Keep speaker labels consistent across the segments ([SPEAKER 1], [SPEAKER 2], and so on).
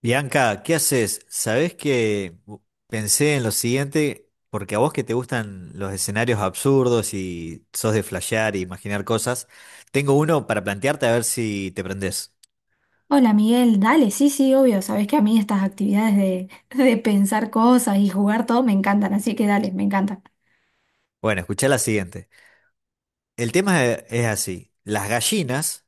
[SPEAKER 1] Bianca, ¿qué haces? Sabés que pensé en lo siguiente, porque a vos que te gustan los escenarios absurdos y sos de flashear e imaginar cosas, tengo uno para plantearte a ver si te prendés.
[SPEAKER 2] Hola Miguel, dale, sí, sí, obvio, sabes que a mí estas actividades de, de pensar cosas y jugar todo me encantan, así que dale, me encantan.
[SPEAKER 1] Bueno, escuchá la siguiente. El tema es así. Las gallinas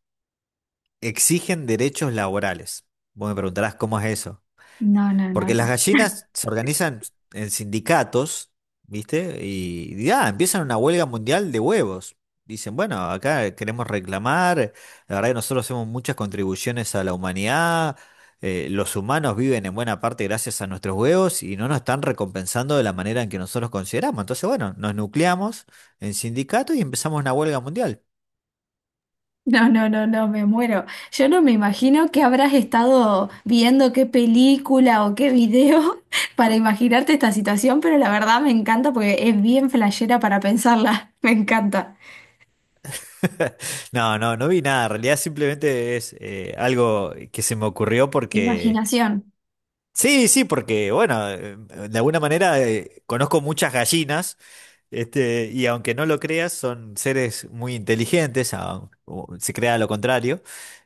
[SPEAKER 1] exigen derechos laborales. Vos me preguntarás cómo es eso.
[SPEAKER 2] No, no, no,
[SPEAKER 1] Porque las
[SPEAKER 2] no.
[SPEAKER 1] gallinas se organizan en sindicatos, ¿viste? Y ya, empiezan una huelga mundial de huevos. Dicen, bueno, acá queremos reclamar, la verdad que nosotros hacemos muchas contribuciones a la humanidad, los humanos viven en buena parte gracias a nuestros huevos y no nos están recompensando de la manera en que nosotros consideramos. Entonces, bueno, nos nucleamos en sindicatos y empezamos una huelga mundial.
[SPEAKER 2] No, no, no, no, me muero. Yo no me imagino que habrás estado viendo qué película o qué video para imaginarte esta situación, pero la verdad me encanta porque es bien flashera para pensarla. Me encanta.
[SPEAKER 1] No, no, no vi nada, en realidad simplemente es algo que se me ocurrió porque...
[SPEAKER 2] Imaginación.
[SPEAKER 1] Sí, sí, porque bueno, de alguna manera conozco muchas gallinas, este, y aunque no lo creas, son seres muy inteligentes, o se crea lo contrario,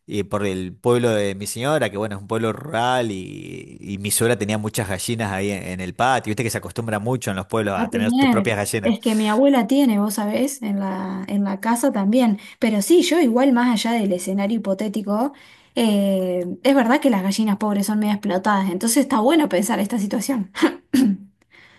[SPEAKER 1] y por el pueblo de mi señora, que bueno, es un pueblo rural, y mi suegra tenía muchas gallinas ahí en el patio, viste que se acostumbra mucho en los pueblos
[SPEAKER 2] A
[SPEAKER 1] a tener tus
[SPEAKER 2] tener.
[SPEAKER 1] propias gallinas.
[SPEAKER 2] Es que mi abuela tiene, vos sabés, en la casa también. Pero sí, yo igual más allá del escenario hipotético, es verdad que las gallinas pobres son medio explotadas, entonces está bueno pensar esta situación.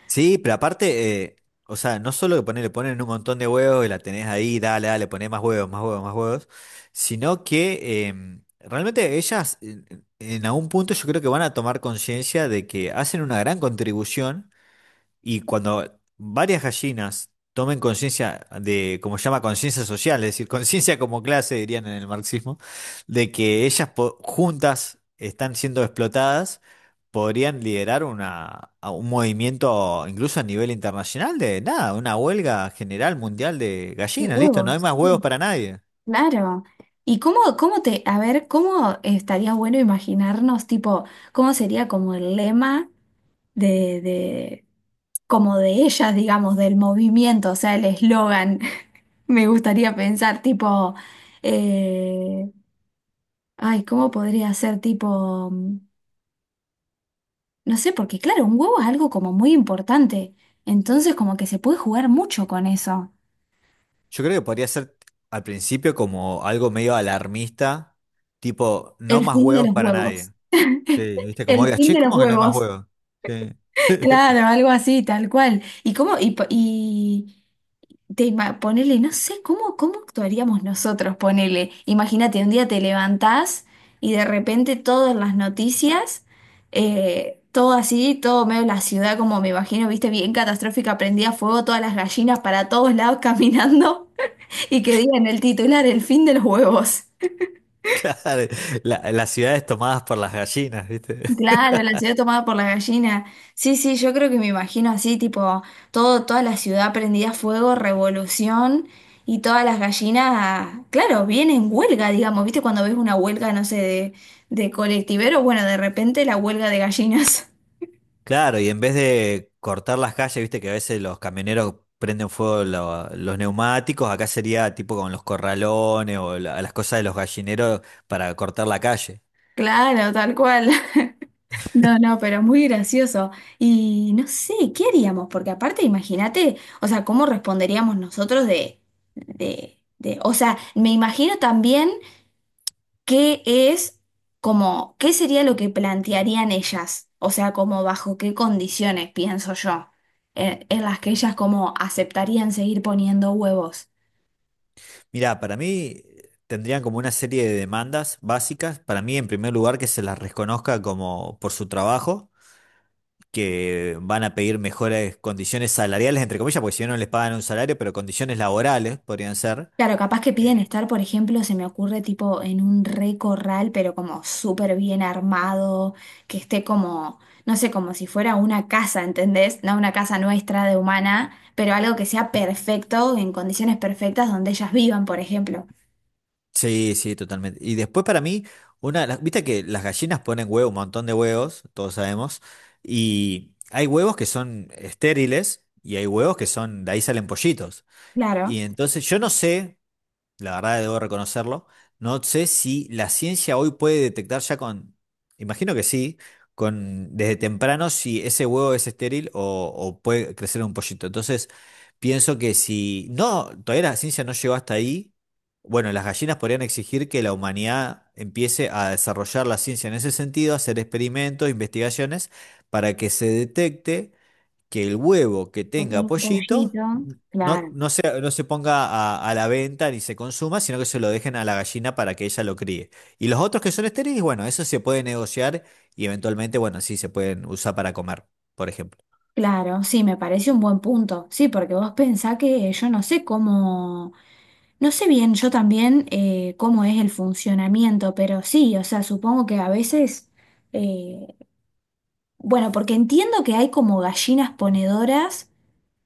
[SPEAKER 1] Sí, pero aparte, o sea, no solo que poner, le ponen un montón de huevos y la tenés ahí, dale, dale, poné más huevos, más huevos, más huevos, sino que realmente ellas en algún punto yo creo que van a tomar conciencia de que hacen una gran contribución. Y cuando varias gallinas tomen conciencia de, como se llama, conciencia social, es decir, conciencia como clase, dirían en el marxismo, de que ellas juntas están siendo explotadas, podrían liderar una, a un movimiento incluso a nivel internacional de nada, una huelga general mundial de
[SPEAKER 2] De
[SPEAKER 1] gallinas, listo, no hay
[SPEAKER 2] huevos,
[SPEAKER 1] más
[SPEAKER 2] sí.
[SPEAKER 1] huevos para nadie.
[SPEAKER 2] Claro. ¿Y cómo, cómo te, a ver, cómo estaría bueno imaginarnos, tipo, cómo sería como el lema de, de, como de ellas, digamos, del movimiento, o sea, el eslogan? Me gustaría pensar tipo, eh, ay, ¿cómo podría ser tipo, no sé? Porque claro, un huevo es algo como muy importante, entonces como que se puede jugar mucho con eso.
[SPEAKER 1] Yo creo que podría ser al principio como algo medio alarmista, tipo, no
[SPEAKER 2] El
[SPEAKER 1] más
[SPEAKER 2] fin de
[SPEAKER 1] huevos
[SPEAKER 2] los
[SPEAKER 1] para
[SPEAKER 2] huevos.
[SPEAKER 1] nadie. Sí, viste, como
[SPEAKER 2] El
[SPEAKER 1] digas,
[SPEAKER 2] fin
[SPEAKER 1] che,
[SPEAKER 2] de los
[SPEAKER 1] ¿cómo que no hay más
[SPEAKER 2] huevos.
[SPEAKER 1] huevos? Sí.
[SPEAKER 2] Claro, algo así, tal cual. ¿Y cómo? Te ima- ponele, no sé, ¿cómo, cómo actuaríamos nosotros? Ponele, imagínate, un día te levantás y de repente todas las noticias, todo así, todo medio la ciudad, como me imagino, viste, bien catastrófica, prendía fuego todas las gallinas para todos lados caminando y que digan el titular, el fin de los huevos.
[SPEAKER 1] Claro, las ciudades tomadas por las gallinas, ¿viste?
[SPEAKER 2] Claro, la ciudad tomada por la gallina. Sí, sí, yo creo que me imagino así, tipo, toda la ciudad prendida a fuego, revolución, y todas las gallinas, claro, vienen en huelga, digamos, ¿viste? Cuando ves una huelga, no sé, de colectiveros, bueno, de repente la huelga de gallinas.
[SPEAKER 1] Claro, y en vez de cortar las calles, viste que a veces los camioneros prenden fuego los neumáticos, acá sería tipo con los corralones o las cosas de los gallineros para cortar la calle.
[SPEAKER 2] Claro, tal cual. No, no, pero muy gracioso. Y no sé, ¿qué haríamos? Porque aparte, imagínate, o sea, ¿cómo responderíamos nosotros o sea, me imagino también. ¿Qué es como, qué sería lo que plantearían ellas? O sea, como bajo qué condiciones, pienso yo, en las que ellas como aceptarían seguir poniendo huevos.
[SPEAKER 1] Mirá, para mí tendrían como una serie de demandas básicas. Para mí, en primer lugar, que se las reconozca como por su trabajo. Que van a pedir mejores condiciones salariales, entre comillas, porque si no no les pagan un salario, pero condiciones laborales podrían ser.
[SPEAKER 2] Claro, capaz que
[SPEAKER 1] Eh,
[SPEAKER 2] piden estar, por ejemplo, se me ocurre tipo en un re corral, pero como súper bien armado, que esté como, no sé, como si fuera una casa, ¿entendés? No una casa nuestra de humana, pero algo que sea perfecto, en condiciones perfectas donde ellas vivan, por ejemplo.
[SPEAKER 1] Sí, sí, totalmente. Y después para mí, una, viste que las gallinas ponen huevo, un montón de huevos, todos sabemos, y hay huevos que son estériles y hay huevos que son, de ahí salen pollitos. Y
[SPEAKER 2] Claro.
[SPEAKER 1] entonces yo no sé, la verdad debo reconocerlo. No sé si la ciencia hoy puede detectar ya con, imagino que sí, con desde temprano si ese huevo es estéril o puede crecer un pollito. Entonces, pienso que si no, todavía la ciencia no llegó hasta ahí, bueno, las gallinas podrían exigir que la humanidad empiece a desarrollar la ciencia en ese sentido, hacer experimentos, investigaciones, para que se detecte que el huevo que
[SPEAKER 2] Le pone
[SPEAKER 1] tenga
[SPEAKER 2] un
[SPEAKER 1] pollito
[SPEAKER 2] pollito.
[SPEAKER 1] no,
[SPEAKER 2] Claro,
[SPEAKER 1] no se ponga a la venta ni se consuma, sino que se lo dejen a la gallina para que ella lo críe. Y los otros que son estériles, bueno, eso se puede negociar y eventualmente, bueno, sí, se pueden usar para comer, por ejemplo.
[SPEAKER 2] claro, sí, me parece un buen punto. Sí, porque vos pensás que yo no sé cómo, no sé bien yo también cómo es el funcionamiento, pero sí, o sea, supongo que a veces, eh, bueno, porque entiendo que hay como gallinas ponedoras.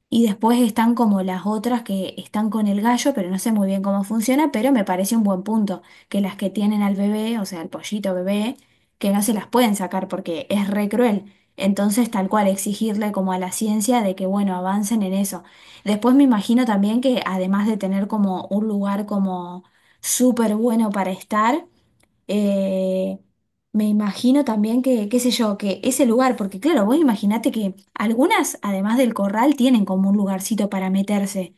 [SPEAKER 2] Y después están como las otras que están con el gallo, pero no sé muy bien cómo funciona, pero me parece un buen punto, que las que tienen al bebé, o sea, al pollito bebé, que no se las pueden sacar porque es re cruel. Entonces, tal cual, exigirle como a la ciencia de que, bueno, avancen en eso. Después me imagino también que además de tener como un lugar como súper bueno para estar, eh, me imagino también que, qué sé yo, que ese lugar, porque claro, vos imaginate que algunas, además del corral, tienen como un lugarcito para meterse,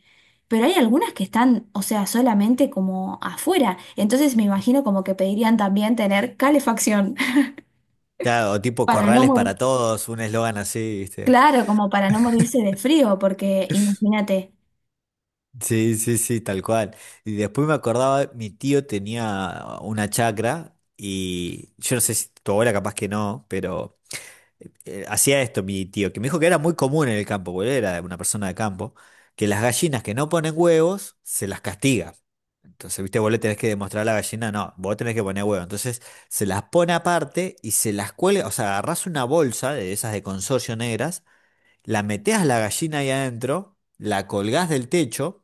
[SPEAKER 2] pero hay algunas que están, o sea, solamente como afuera. Entonces me imagino como que pedirían también tener calefacción
[SPEAKER 1] Claro, o tipo
[SPEAKER 2] para no
[SPEAKER 1] corrales
[SPEAKER 2] morir,
[SPEAKER 1] para todos, un eslogan así, ¿viste?
[SPEAKER 2] claro, como para no morirse de frío, porque imagínate,
[SPEAKER 1] Sí, sí, sí, tal cual. Y después me acordaba, mi tío tenía una chacra y yo no sé si tu abuela capaz que no, pero... hacía esto mi tío, que me dijo que era muy común en el campo, porque él era una persona de campo, que las gallinas que no ponen huevos se las castiga. Entonces, viste, vos le tenés que demostrar a la gallina, no, vos tenés que poner huevo. Entonces, se las pone aparte y se las cuelga, o sea, agarrás una bolsa de esas de consorcio negras, la metés a la gallina ahí adentro, la colgás del techo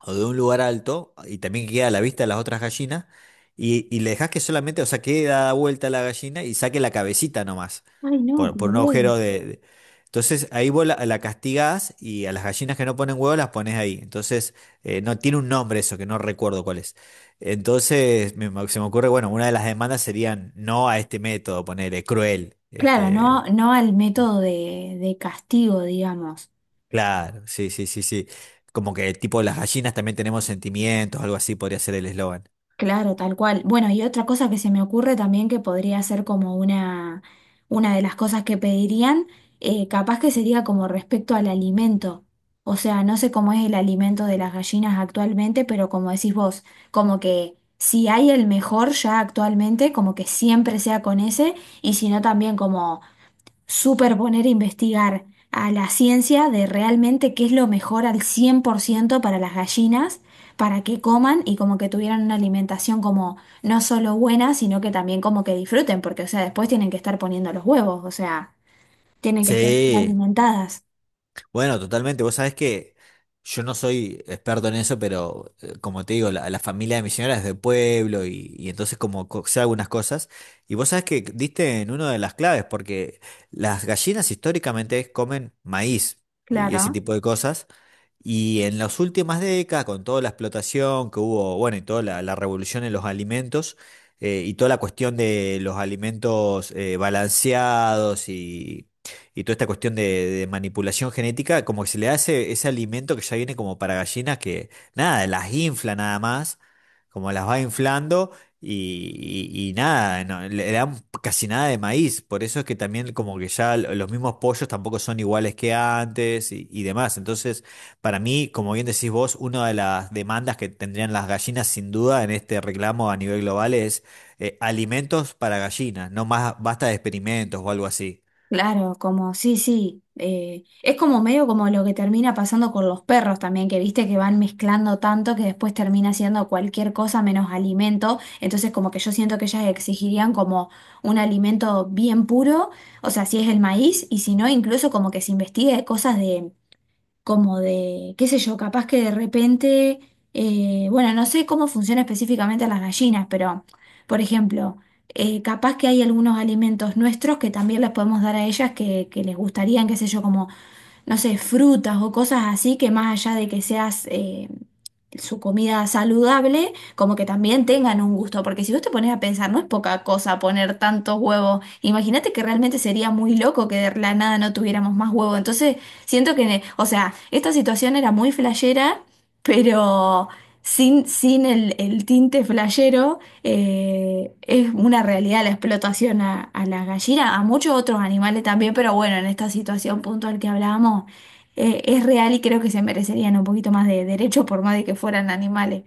[SPEAKER 1] o de un lugar alto y también que queda a la vista de las otras gallinas y le dejas que solamente, o sea, quede dada vuelta la gallina y saque la cabecita nomás
[SPEAKER 2] ay no,
[SPEAKER 1] por
[SPEAKER 2] como
[SPEAKER 1] un
[SPEAKER 2] digo,
[SPEAKER 1] agujero de... Entonces ahí vos la castigás y a las gallinas que no ponen huevos las pones ahí. Entonces no tiene un nombre eso, que no recuerdo cuál es. Entonces se me ocurre, bueno, una de las demandas serían no a este método, ponerle cruel.
[SPEAKER 2] claro, no,
[SPEAKER 1] Este,
[SPEAKER 2] no al método de castigo, digamos.
[SPEAKER 1] claro, sí, sí, sí, sí. Como que tipo las gallinas también tenemos sentimientos, algo así podría ser el eslogan.
[SPEAKER 2] Claro, tal cual. Bueno, y otra cosa que se me ocurre también que podría ser como una de las cosas que pedirían, capaz que sería como respecto al alimento. O sea, no sé cómo es el alimento de las gallinas actualmente, pero como decís vos, como que si hay el mejor ya actualmente, como que siempre sea con ese, y si no también como superponer e investigar a la ciencia de realmente qué es lo mejor al 100% para las gallinas, para que coman y como que tuvieran una alimentación como no solo buena, sino que también como que disfruten, porque o sea, después tienen que estar poniendo los huevos, o sea, tienen que estar
[SPEAKER 1] Sí,
[SPEAKER 2] alimentadas.
[SPEAKER 1] bueno, totalmente. Vos sabés que yo no soy experto en eso, pero como te digo, la familia de mi señora es de pueblo y entonces como sé algunas cosas. Y vos sabés que diste en una de las claves, porque las gallinas históricamente comen maíz y ese
[SPEAKER 2] Claro.
[SPEAKER 1] tipo de cosas. Y en las últimas décadas, con toda la explotación que hubo, bueno, y toda la revolución en los alimentos, y toda la cuestión de los alimentos balanceados y toda esta cuestión de manipulación genética, como que se le hace ese alimento que ya viene como para gallinas que nada, las infla nada más, como las va inflando y nada, no, le dan casi nada de maíz, por eso es que también como que ya los mismos pollos tampoco son iguales que antes y demás. Entonces, para mí, como bien decís vos, una de las demandas que tendrían las gallinas sin duda en este reclamo a nivel global es alimentos para gallinas, no más basta de experimentos o algo así.
[SPEAKER 2] Claro, como, sí, sí, es como medio como lo que termina pasando con los perros también, que viste que van mezclando tanto que después termina siendo cualquier cosa menos alimento, entonces como que yo siento que ellas exigirían como un alimento bien puro, o sea, si es el maíz, y si no, incluso como que se investigue cosas de como qué sé yo, capaz que de repente, bueno, no sé cómo funciona específicamente las gallinas, pero, por ejemplo, capaz que hay algunos alimentos nuestros que también les podemos dar a ellas que les gustarían, qué sé yo, como no sé, frutas o cosas así que más allá de que seas su comida saludable, como que también tengan un gusto, porque si vos te pones a pensar, no es poca cosa poner tantos huevos, imagínate que realmente sería muy loco que de la nada no tuviéramos más huevo, entonces siento que, o sea, esta situación era muy flashera, pero sin el, el tinte flashero. Es una realidad la explotación a la gallina, a muchos otros animales también, pero bueno, en esta situación puntual que hablábamos, es real y creo que se merecerían un poquito más de derecho por más de que fueran animales.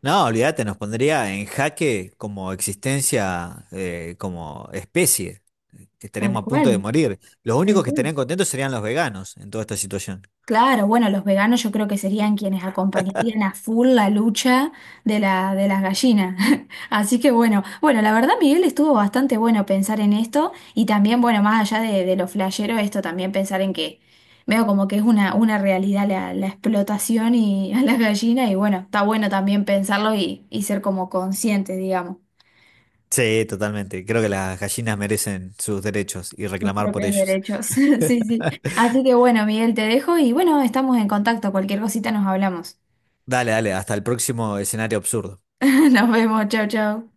[SPEAKER 1] No, olvídate, nos pondría en jaque como existencia, como especie. Que
[SPEAKER 2] Tal
[SPEAKER 1] estaríamos a
[SPEAKER 2] cual,
[SPEAKER 1] punto de morir. Los
[SPEAKER 2] tal
[SPEAKER 1] únicos que
[SPEAKER 2] cual.
[SPEAKER 1] estarían contentos serían los veganos en toda esta situación.
[SPEAKER 2] Claro, bueno, los veganos yo creo que serían quienes acompañarían a full la lucha de las gallinas. Así que bueno, bueno, la verdad, Miguel, estuvo bastante bueno pensar en esto y también, bueno, más allá de lo flashero, esto también pensar en que veo como que es una realidad la explotación y a las gallinas y bueno, está bueno también pensarlo y ser como consciente, digamos,
[SPEAKER 1] Sí, totalmente. Creo que las gallinas merecen sus derechos y
[SPEAKER 2] de sus
[SPEAKER 1] reclamar por
[SPEAKER 2] propios
[SPEAKER 1] ellos.
[SPEAKER 2] derechos. Sí, sí. Así que bueno, Miguel, te dejo y bueno, estamos en contacto, cualquier cosita nos hablamos.
[SPEAKER 1] Dale, dale, hasta el próximo escenario absurdo.
[SPEAKER 2] Nos vemos, chau, chau.